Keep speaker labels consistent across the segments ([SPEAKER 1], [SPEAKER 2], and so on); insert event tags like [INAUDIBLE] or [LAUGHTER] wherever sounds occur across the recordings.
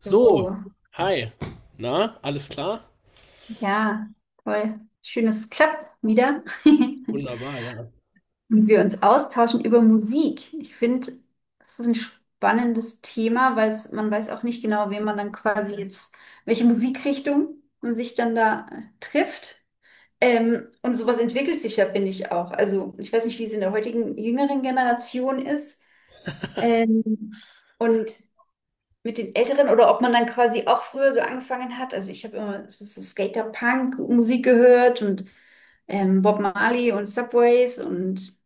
[SPEAKER 1] So,
[SPEAKER 2] So,
[SPEAKER 1] hi. Na, alles klar?
[SPEAKER 2] ja, toll. Schön, dass es klappt wieder. [LAUGHS]
[SPEAKER 1] Wunderbar, ja.
[SPEAKER 2] Und wir uns austauschen über Musik. Ich finde, das ist ein spannendes Thema, weil es, man weiß auch nicht genau, wen man dann quasi jetzt, welche Musikrichtung man sich dann da trifft. Und sowas entwickelt sich ja, finde ich auch. Also, ich weiß nicht, wie es in der heutigen jüngeren Generation ist. Ähm, und mit den Älteren oder ob man dann quasi auch früher so angefangen hat. Also ich habe immer so, so Skater-Punk-Musik gehört und Bob Marley und Subways und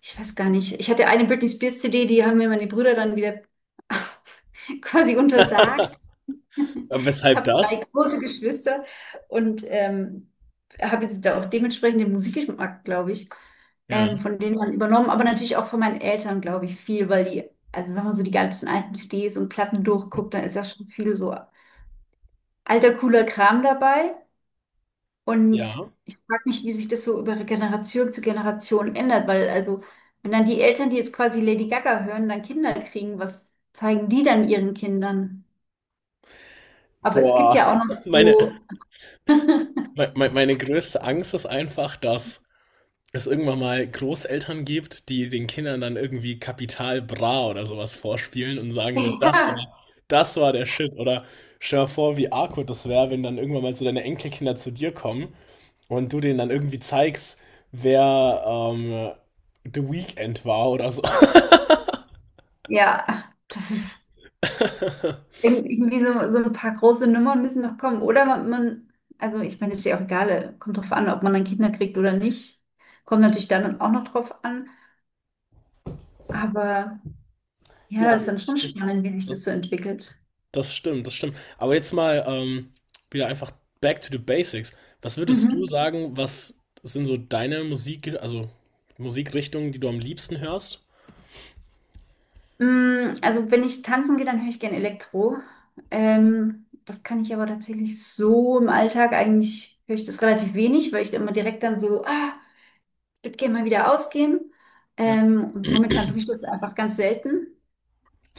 [SPEAKER 2] ich weiß gar nicht. Ich hatte eine Britney Spears CD, die haben mir meine Brüder dann wieder [LAUGHS] quasi untersagt. [LAUGHS]
[SPEAKER 1] Äh,
[SPEAKER 2] Ich
[SPEAKER 1] Weshalb
[SPEAKER 2] habe drei
[SPEAKER 1] das?
[SPEAKER 2] große Geschwister und habe jetzt da auch dementsprechend den Musikgeschmack, glaube ich,
[SPEAKER 1] Ja.
[SPEAKER 2] von denen man übernommen, aber natürlich auch von meinen Eltern, glaube ich, viel, weil die, also wenn man so die ganzen alten CDs und Platten durchguckt, dann ist ja schon viel so alter, cooler Kram dabei. Und
[SPEAKER 1] Ja.
[SPEAKER 2] ich frage mich, wie sich das so über Generation zu Generation ändert, weil also, wenn dann die Eltern, die jetzt quasi Lady Gaga hören, dann Kinder kriegen, was zeigen die dann ihren Kindern? Aber es gibt
[SPEAKER 1] Boah,
[SPEAKER 2] ja auch noch
[SPEAKER 1] [LAUGHS] meine,
[SPEAKER 2] so.
[SPEAKER 1] meine größte Angst ist einfach, dass es irgendwann mal Großeltern gibt, die den Kindern dann irgendwie Kapital Bra oder sowas vorspielen und sagen so,
[SPEAKER 2] [LAUGHS]
[SPEAKER 1] das war der Shit. Oder stell dir vor, wie awkward das wäre, wenn dann irgendwann mal so deine Enkelkinder zu dir kommen und du denen dann irgendwie zeigst, wer The Weeknd war oder so.
[SPEAKER 2] Ja, das ist
[SPEAKER 1] [LAUGHS]
[SPEAKER 2] irgendwie so, so ein paar große Nummern müssen noch kommen. Oder man also ich meine, ist ja auch egal, kommt drauf an, ob man dann Kinder kriegt oder nicht. Kommt natürlich dann auch noch drauf an. Aber
[SPEAKER 1] Ja,
[SPEAKER 2] ja, das ist dann schon spannend, wie sich
[SPEAKER 1] das,
[SPEAKER 2] das so entwickelt.
[SPEAKER 1] das stimmt, das stimmt. Aber jetzt mal wieder einfach back to the basics. Was würdest du
[SPEAKER 2] Mhm.
[SPEAKER 1] sagen, was sind so deine Musik, also Musikrichtungen, die du am liebsten hörst?
[SPEAKER 2] Mm, also wenn ich tanzen gehe, dann höre ich gern Elektro. Das kann ich aber tatsächlich so im Alltag eigentlich höre ich das relativ wenig, weil ich immer direkt dann so, ah, ich würde gerne mal wieder ausgehen.
[SPEAKER 1] Ja.
[SPEAKER 2] Und momentan tue ich das einfach ganz selten.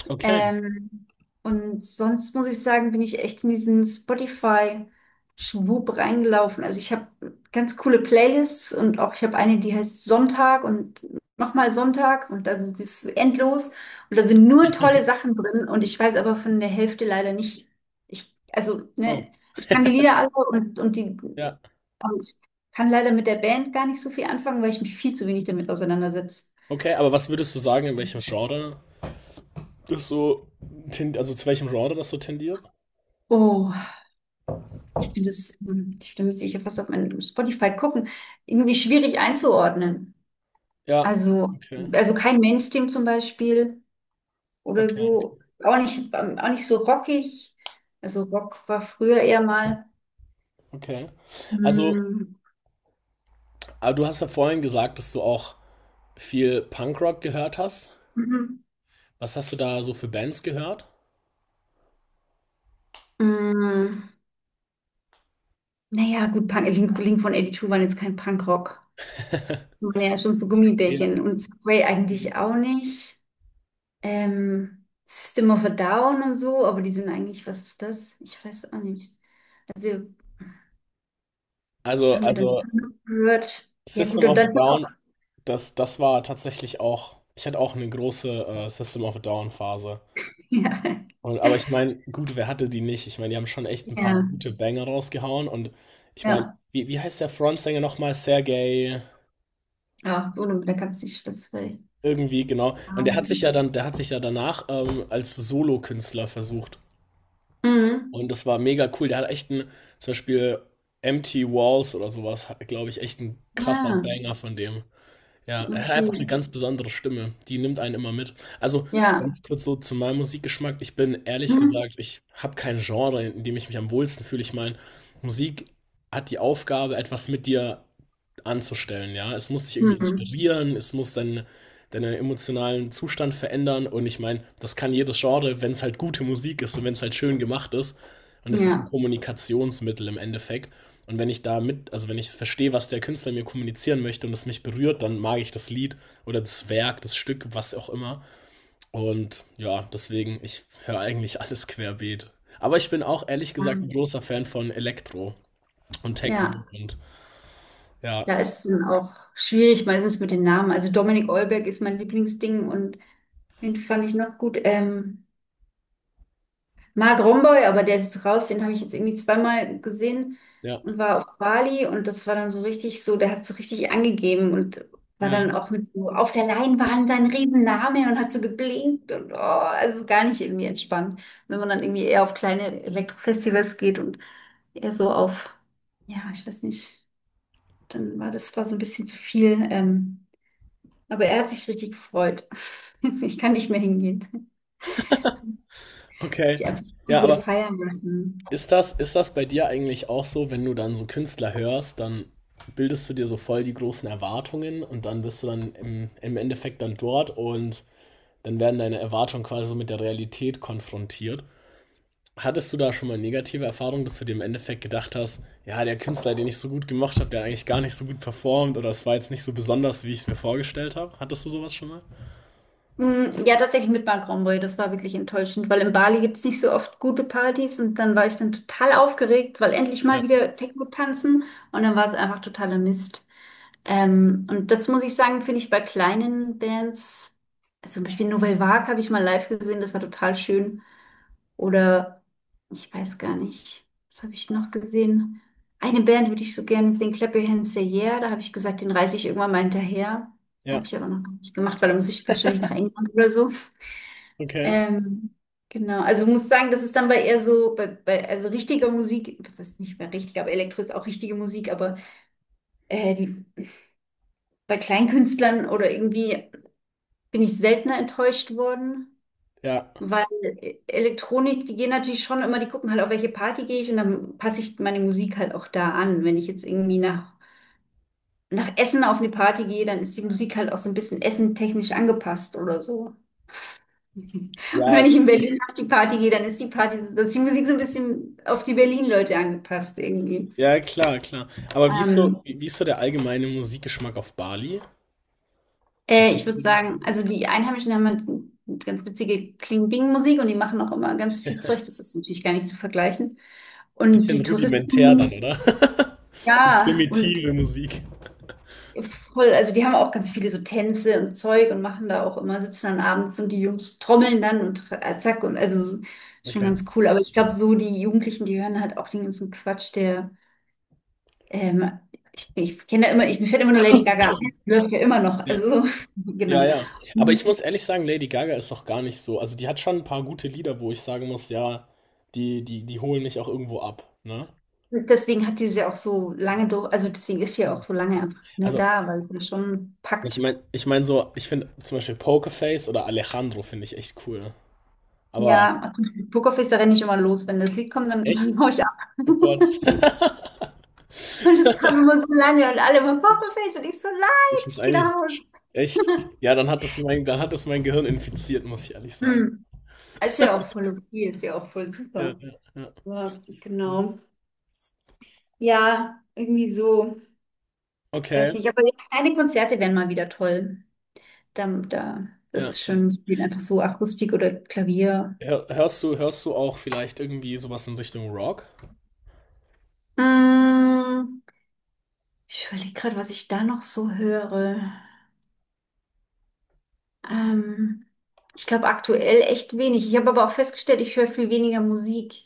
[SPEAKER 1] Okay.
[SPEAKER 2] Ähm, und sonst muss ich sagen, bin ich echt in diesen Spotify-Schwub reingelaufen. Also ich habe ganz coole Playlists und auch ich habe eine, die heißt Sonntag und nochmal Sonntag und also das ist endlos. Und da sind nur tolle
[SPEAKER 1] [LAUGHS]
[SPEAKER 2] Sachen drin und ich weiß aber von der Hälfte leider nicht. Ich, also,
[SPEAKER 1] Oh,
[SPEAKER 2] ne, ich kann die Lieder alle und die,
[SPEAKER 1] ja.
[SPEAKER 2] aber ich kann leider mit der Band gar nicht so viel anfangen, weil ich mich viel zu wenig damit auseinandersetze.
[SPEAKER 1] Okay, aber was würdest du sagen, in welchem Genre das so, also zu welchem Genre das so tendiert?
[SPEAKER 2] Oh, ich finde das, hm, da müsste ich ja fast auf meinen Spotify gucken, irgendwie schwierig einzuordnen.
[SPEAKER 1] Ja.
[SPEAKER 2] Also,
[SPEAKER 1] Okay.
[SPEAKER 2] mhm, also kein Mainstream zum Beispiel oder
[SPEAKER 1] Okay.
[SPEAKER 2] so, auch nicht so rockig. Also Rock war früher eher mal.
[SPEAKER 1] Okay. Also,
[SPEAKER 2] Hm,
[SPEAKER 1] aber du hast ja vorhin gesagt, dass du auch viel Punkrock gehört hast.
[SPEAKER 2] mhm.
[SPEAKER 1] Was hast du da so für Bands gehört?
[SPEAKER 2] Hm, naja, gut, Punk, Link, Link von 82 waren jetzt kein Punkrock. Die waren ja, schon so
[SPEAKER 1] Ja.
[SPEAKER 2] Gummibärchen und Subway eigentlich auch nicht. System of a Down und so, aber die sind eigentlich, was ist das? Ich weiß auch nicht. Also, was
[SPEAKER 1] Also,
[SPEAKER 2] haben wir denn
[SPEAKER 1] also
[SPEAKER 2] gehört? Ja,
[SPEAKER 1] System
[SPEAKER 2] gut, und
[SPEAKER 1] of a
[SPEAKER 2] dann auch.
[SPEAKER 1] Down, das war tatsächlich auch, ich hatte auch eine große System of a Down-Phase.
[SPEAKER 2] [LAUGHS] Ja,
[SPEAKER 1] Und, aber ich meine, gut, wer hatte die nicht? Ich meine, die haben schon echt ein paar
[SPEAKER 2] ja,
[SPEAKER 1] gute Banger rausgehauen. Und ich meine,
[SPEAKER 2] ja.
[SPEAKER 1] wie heißt der Frontsänger nochmal? Sergej,
[SPEAKER 2] Ja, gut, da kannst du nicht das will.
[SPEAKER 1] irgendwie, genau. Und der hat sich ja dann, der hat sich ja danach als Solokünstler versucht.
[SPEAKER 2] Mhm.
[SPEAKER 1] Und das war mega cool. Der hat echt einen, zum Beispiel Empty Walls oder sowas, glaube ich, echt ein krasser
[SPEAKER 2] Ah,
[SPEAKER 1] Banger von dem. Ja, er hat
[SPEAKER 2] okay.
[SPEAKER 1] einfach eine ganz besondere Stimme. Die nimmt einen immer mit. Also
[SPEAKER 2] Ja.
[SPEAKER 1] ganz kurz so zu meinem Musikgeschmack. Ich bin ehrlich
[SPEAKER 2] Mhm.
[SPEAKER 1] gesagt, ich habe kein Genre, in dem ich mich am wohlsten fühle. Ich meine, Musik hat die Aufgabe, etwas mit dir anzustellen. Ja, es muss dich irgendwie
[SPEAKER 2] Mhm.
[SPEAKER 1] inspirieren, es muss deinen emotionalen Zustand verändern. Und ich meine, das kann jedes Genre, wenn es halt gute Musik ist und wenn es halt schön gemacht ist. Und das ist ein
[SPEAKER 2] Ja.
[SPEAKER 1] Kommunikationsmittel im Endeffekt. Und wenn ich da mit, also wenn ich verstehe, was der Künstler mir kommunizieren möchte und es mich berührt, dann mag ich das Lied oder das Werk, das Stück, was auch immer. Und ja, deswegen, ich höre eigentlich alles querbeet. Aber ich bin auch ehrlich gesagt ein
[SPEAKER 2] Mhm.
[SPEAKER 1] großer Fan von Elektro und Techno
[SPEAKER 2] Ja.
[SPEAKER 1] und ja,
[SPEAKER 2] Da ist dann auch schwierig meistens mit den Namen. Also Dominik Eulberg ist mein Lieblingsding und wen fand ich noch gut? Mark Romboy, aber der ist jetzt raus, den habe ich jetzt irgendwie zweimal gesehen
[SPEAKER 1] ja,
[SPEAKER 2] und war auf Bali und das war dann so richtig so, der hat so richtig angegeben und war
[SPEAKER 1] ja,
[SPEAKER 2] dann auch mit so auf der Leinwand sein Riesenname und hat so geblinkt und oh, also gar nicht irgendwie entspannt. Wenn man dann irgendwie eher auf kleine Elektrofestivals geht und eher so auf, ja, ich weiß nicht, dann war das war so ein bisschen zu viel, aber er hat sich richtig gefreut. [LAUGHS] Ich kann nicht mehr hingehen.
[SPEAKER 1] okay.
[SPEAKER 2] Ich einfach zu
[SPEAKER 1] Ja,
[SPEAKER 2] sehr
[SPEAKER 1] aber
[SPEAKER 2] feiern lassen.
[SPEAKER 1] ist das bei dir eigentlich auch so, wenn du dann so Künstler hörst, dann bildest du dir so voll die großen Erwartungen und dann bist du dann im Endeffekt dann dort und dann werden deine Erwartungen quasi so mit der Realität konfrontiert. Hattest du da schon mal negative Erfahrungen, dass du dir im Endeffekt gedacht hast, ja, der Künstler, den ich so gut gemacht habe, der hat eigentlich gar nicht so gut performt oder es war jetzt nicht so besonders, wie ich es mir vorgestellt habe? Hattest du sowas schon mal?
[SPEAKER 2] Mm, ja, tatsächlich mit Mark Romboy, das war wirklich enttäuschend, weil in Bali gibt es nicht so oft gute Partys und dann war ich dann total aufgeregt, weil endlich mal
[SPEAKER 1] Ja.
[SPEAKER 2] wieder Techno tanzen und dann war es einfach totaler Mist. Und das muss ich sagen, finde ich bei kleinen Bands, also zum Beispiel Nouvelle Vague habe ich mal live gesehen, das war total schön. Oder ich weiß gar nicht, was habe ich noch gesehen? Eine Band würde ich so gerne sehen, Clap Your Hands Say Yeah, da habe ich gesagt, den reiße ich irgendwann mal hinterher.
[SPEAKER 1] Ja,
[SPEAKER 2] Habe ich aber noch nicht gemacht, weil da muss ich wahrscheinlich nach England oder so.
[SPEAKER 1] okay.
[SPEAKER 2] Ähm, genau, also muss sagen, das ist dann bei eher so, bei, bei also richtiger Musik, das heißt nicht mehr richtig, aber Elektro ist auch richtige Musik, aber die bei Kleinkünstlern oder irgendwie bin ich seltener enttäuscht worden,
[SPEAKER 1] Ja.
[SPEAKER 2] weil Elektronik, die gehen natürlich schon immer, die gucken halt, auf welche Party gehe ich und dann passe ich meine Musik halt auch da an. Wenn ich jetzt irgendwie nach, nach Essen auf eine Party gehe, dann ist die Musik halt auch so ein bisschen essentechnisch angepasst oder so. [LAUGHS] Und wenn
[SPEAKER 1] Ja,
[SPEAKER 2] ich in
[SPEAKER 1] das,
[SPEAKER 2] Berlin auf die Party gehe, dann ist die Party, dann ist die Musik so ein bisschen auf die Berlin-Leute angepasst irgendwie.
[SPEAKER 1] ja, klar, klar. Aber wie ist so,
[SPEAKER 2] Ähm,
[SPEAKER 1] wie ist so der allgemeine Musikgeschmack auf Bali? Was
[SPEAKER 2] Ich würde sagen, also die Einheimischen haben halt ganz witzige Kling-Bing-Musik und die machen auch immer ganz viel Zeug. Das ist natürlich gar nicht zu vergleichen. Und
[SPEAKER 1] bisschen
[SPEAKER 2] die
[SPEAKER 1] rudimentär dann,
[SPEAKER 2] Touristen,
[SPEAKER 1] oder? [LAUGHS] Bisschen
[SPEAKER 2] ja, und
[SPEAKER 1] primitive Musik.
[SPEAKER 2] voll, also die haben auch ganz viele so Tänze und Zeug und machen da auch immer, sitzen dann abends und die Jungs trommeln dann und zack und also so- schon
[SPEAKER 1] Okay.
[SPEAKER 2] ganz cool. Aber ich glaube, so die Jugendlichen, die hören halt auch den ganzen Quatsch, der, ähm, ich, ich kenne da immer, ich, mir fällt immer nur Lady Gaga ein, die läuft ja immer noch,
[SPEAKER 1] Ja.
[SPEAKER 2] also so, [LAUGHS]
[SPEAKER 1] Ja,
[SPEAKER 2] genau.
[SPEAKER 1] ja. Aber ich muss ehrlich sagen, Lady Gaga ist doch gar nicht so. Also die hat schon ein paar gute Lieder, wo ich sagen muss, ja, die holen mich auch irgendwo ab, ne?
[SPEAKER 2] Deswegen hat die sie auch so lange durch, also deswegen ist sie ja
[SPEAKER 1] Ja.
[SPEAKER 2] auch so lange einfach ne,
[SPEAKER 1] Also,
[SPEAKER 2] da, weil sie schon packt.
[SPEAKER 1] ich meine so, ich finde zum Beispiel Pokerface oder Alejandro finde ich echt cool. Aber
[SPEAKER 2] Ja, also Pokerface da renne ich immer los. Wenn das Lied kommt, dann, [LAUGHS]
[SPEAKER 1] echt?
[SPEAKER 2] dann hau ich ab.
[SPEAKER 1] Oh Gott.
[SPEAKER 2] [LAUGHS]
[SPEAKER 1] [LAUGHS]
[SPEAKER 2] Und es kam immer so lange und alle immer Pokerface und ich so,
[SPEAKER 1] Ich
[SPEAKER 2] nein,
[SPEAKER 1] find's
[SPEAKER 2] ich gehe
[SPEAKER 1] eigentlich
[SPEAKER 2] nach Hause.
[SPEAKER 1] echt. Ja, dann hat das mein Gehirn infiziert, muss ich ehrlich sagen.
[SPEAKER 2] Hm. Ist ja auch voll okay, ist ja auch voll
[SPEAKER 1] Ja,
[SPEAKER 2] super.
[SPEAKER 1] ja, ja.
[SPEAKER 2] Ja, genau. Ja, irgendwie so. Ich
[SPEAKER 1] Okay,
[SPEAKER 2] weiß nicht, aber kleine Konzerte wären mal wieder toll. Da, da, das
[SPEAKER 1] ja.
[SPEAKER 2] ist schön, spielen einfach so Akustik oder Klavier.
[SPEAKER 1] Hör, hörst du auch vielleicht irgendwie sowas in Richtung Rock?
[SPEAKER 2] Mm. Ich überlege gerade, was ich da noch so höre. Ähm, ich glaube aktuell echt wenig. Ich habe aber auch festgestellt, ich höre viel weniger Musik.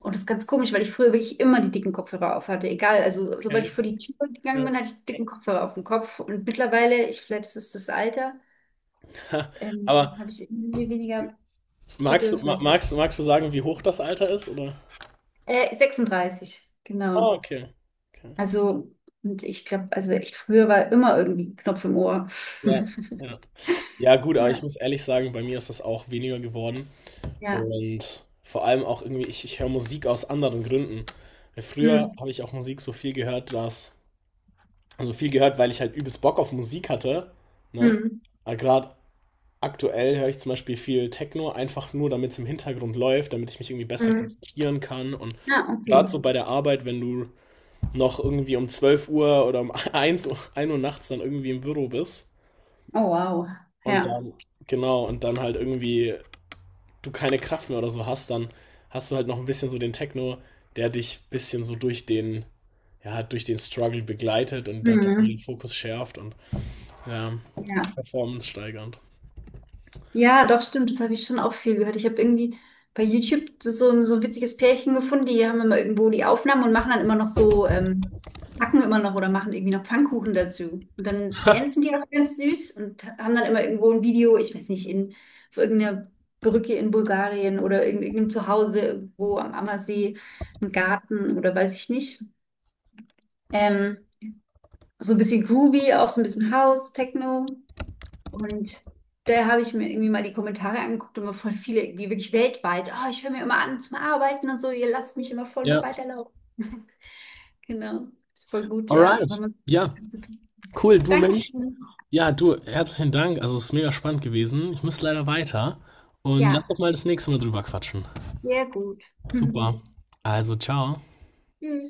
[SPEAKER 2] Und das ist ganz komisch, weil ich früher wirklich immer die dicken Kopfhörer auf hatte. Egal, also sobald
[SPEAKER 1] Okay.
[SPEAKER 2] ich vor die Tür
[SPEAKER 1] Ja.
[SPEAKER 2] gegangen bin, hatte ich dicken Kopfhörer auf dem Kopf. Und mittlerweile, ich, vielleicht ist es das Alter,
[SPEAKER 1] [LAUGHS] Aber
[SPEAKER 2] habe ich irgendwie weniger
[SPEAKER 1] magst du,
[SPEAKER 2] Bedürfnis.
[SPEAKER 1] magst du sagen, wie hoch das Alter ist, oder?
[SPEAKER 2] 36,
[SPEAKER 1] Ah,
[SPEAKER 2] genau.
[SPEAKER 1] okay. Okay.
[SPEAKER 2] Also, und ich glaube, also echt früher war immer irgendwie ein Knopf im Ohr.
[SPEAKER 1] Ja,
[SPEAKER 2] [LAUGHS]
[SPEAKER 1] ja. Ja, gut, aber ich
[SPEAKER 2] Ja,
[SPEAKER 1] muss ehrlich sagen, bei mir ist das auch weniger geworden.
[SPEAKER 2] ja.
[SPEAKER 1] Und vor allem auch irgendwie, ich höre Musik aus anderen Gründen. Weil früher
[SPEAKER 2] Hm.
[SPEAKER 1] habe ich auch Musik so viel gehört, dass, also viel gehört, weil ich halt übelst Bock auf Musik hatte, ne?
[SPEAKER 2] Hm.
[SPEAKER 1] Aber gerade aktuell höre ich zum Beispiel viel Techno, einfach nur, damit es im Hintergrund läuft, damit ich mich irgendwie
[SPEAKER 2] Hm.
[SPEAKER 1] besser
[SPEAKER 2] Hm.
[SPEAKER 1] konzentrieren kann. Und
[SPEAKER 2] Ja, okay.
[SPEAKER 1] gerade so bei der Arbeit, wenn du noch irgendwie um 12 Uhr oder um [LAUGHS] 1 Uhr nachts dann irgendwie im Büro bist
[SPEAKER 2] Oh, wow.
[SPEAKER 1] und
[SPEAKER 2] Ja.
[SPEAKER 1] dann, genau, und dann halt irgendwie du keine Kraft mehr oder so hast, dann hast du halt noch ein bisschen so den Techno, der dich ein bisschen so durch den, ja, durch den Struggle begleitet und halt auch mal den
[SPEAKER 2] Mhm.
[SPEAKER 1] Fokus schärft und ja,
[SPEAKER 2] Ja.
[SPEAKER 1] Performance steigernd.
[SPEAKER 2] Ja, doch, stimmt. Das habe ich schon auch viel gehört. Ich habe irgendwie bei YouTube so so ein witziges Pärchen gefunden, die haben immer irgendwo die Aufnahmen und machen dann immer noch so, backen immer noch oder machen irgendwie noch Pfannkuchen dazu. Und dann dancen die auch ganz süß und haben dann immer irgendwo ein Video, ich weiß nicht, in, auf irgendeiner Brücke in Bulgarien oder in irgendeinem Zuhause irgendwo am Ammersee, im Garten oder weiß ich nicht. Ähm, so ein bisschen groovy, auch so ein bisschen House, Techno. Und da habe ich mir irgendwie mal die Kommentare angeguckt und mir voll viele irgendwie wirklich weltweit. Oh, ich höre mir immer an zum Arbeiten und so, ihr lasst mich immer voll noch
[SPEAKER 1] Ja,
[SPEAKER 2] weiterlaufen. [LAUGHS] Genau. Ist voll gut, ja. Wenn
[SPEAKER 1] alright.
[SPEAKER 2] man...
[SPEAKER 1] Ja, cool, du Mensch.
[SPEAKER 2] Dankeschön.
[SPEAKER 1] Ja, du, herzlichen Dank. Also, es ist mega spannend gewesen. Ich muss leider weiter. Und lass doch
[SPEAKER 2] Ja,
[SPEAKER 1] mal das nächste Mal drüber quatschen.
[SPEAKER 2] sehr gut.
[SPEAKER 1] Super.
[SPEAKER 2] [LAUGHS]
[SPEAKER 1] Also, ciao.
[SPEAKER 2] Tschüss.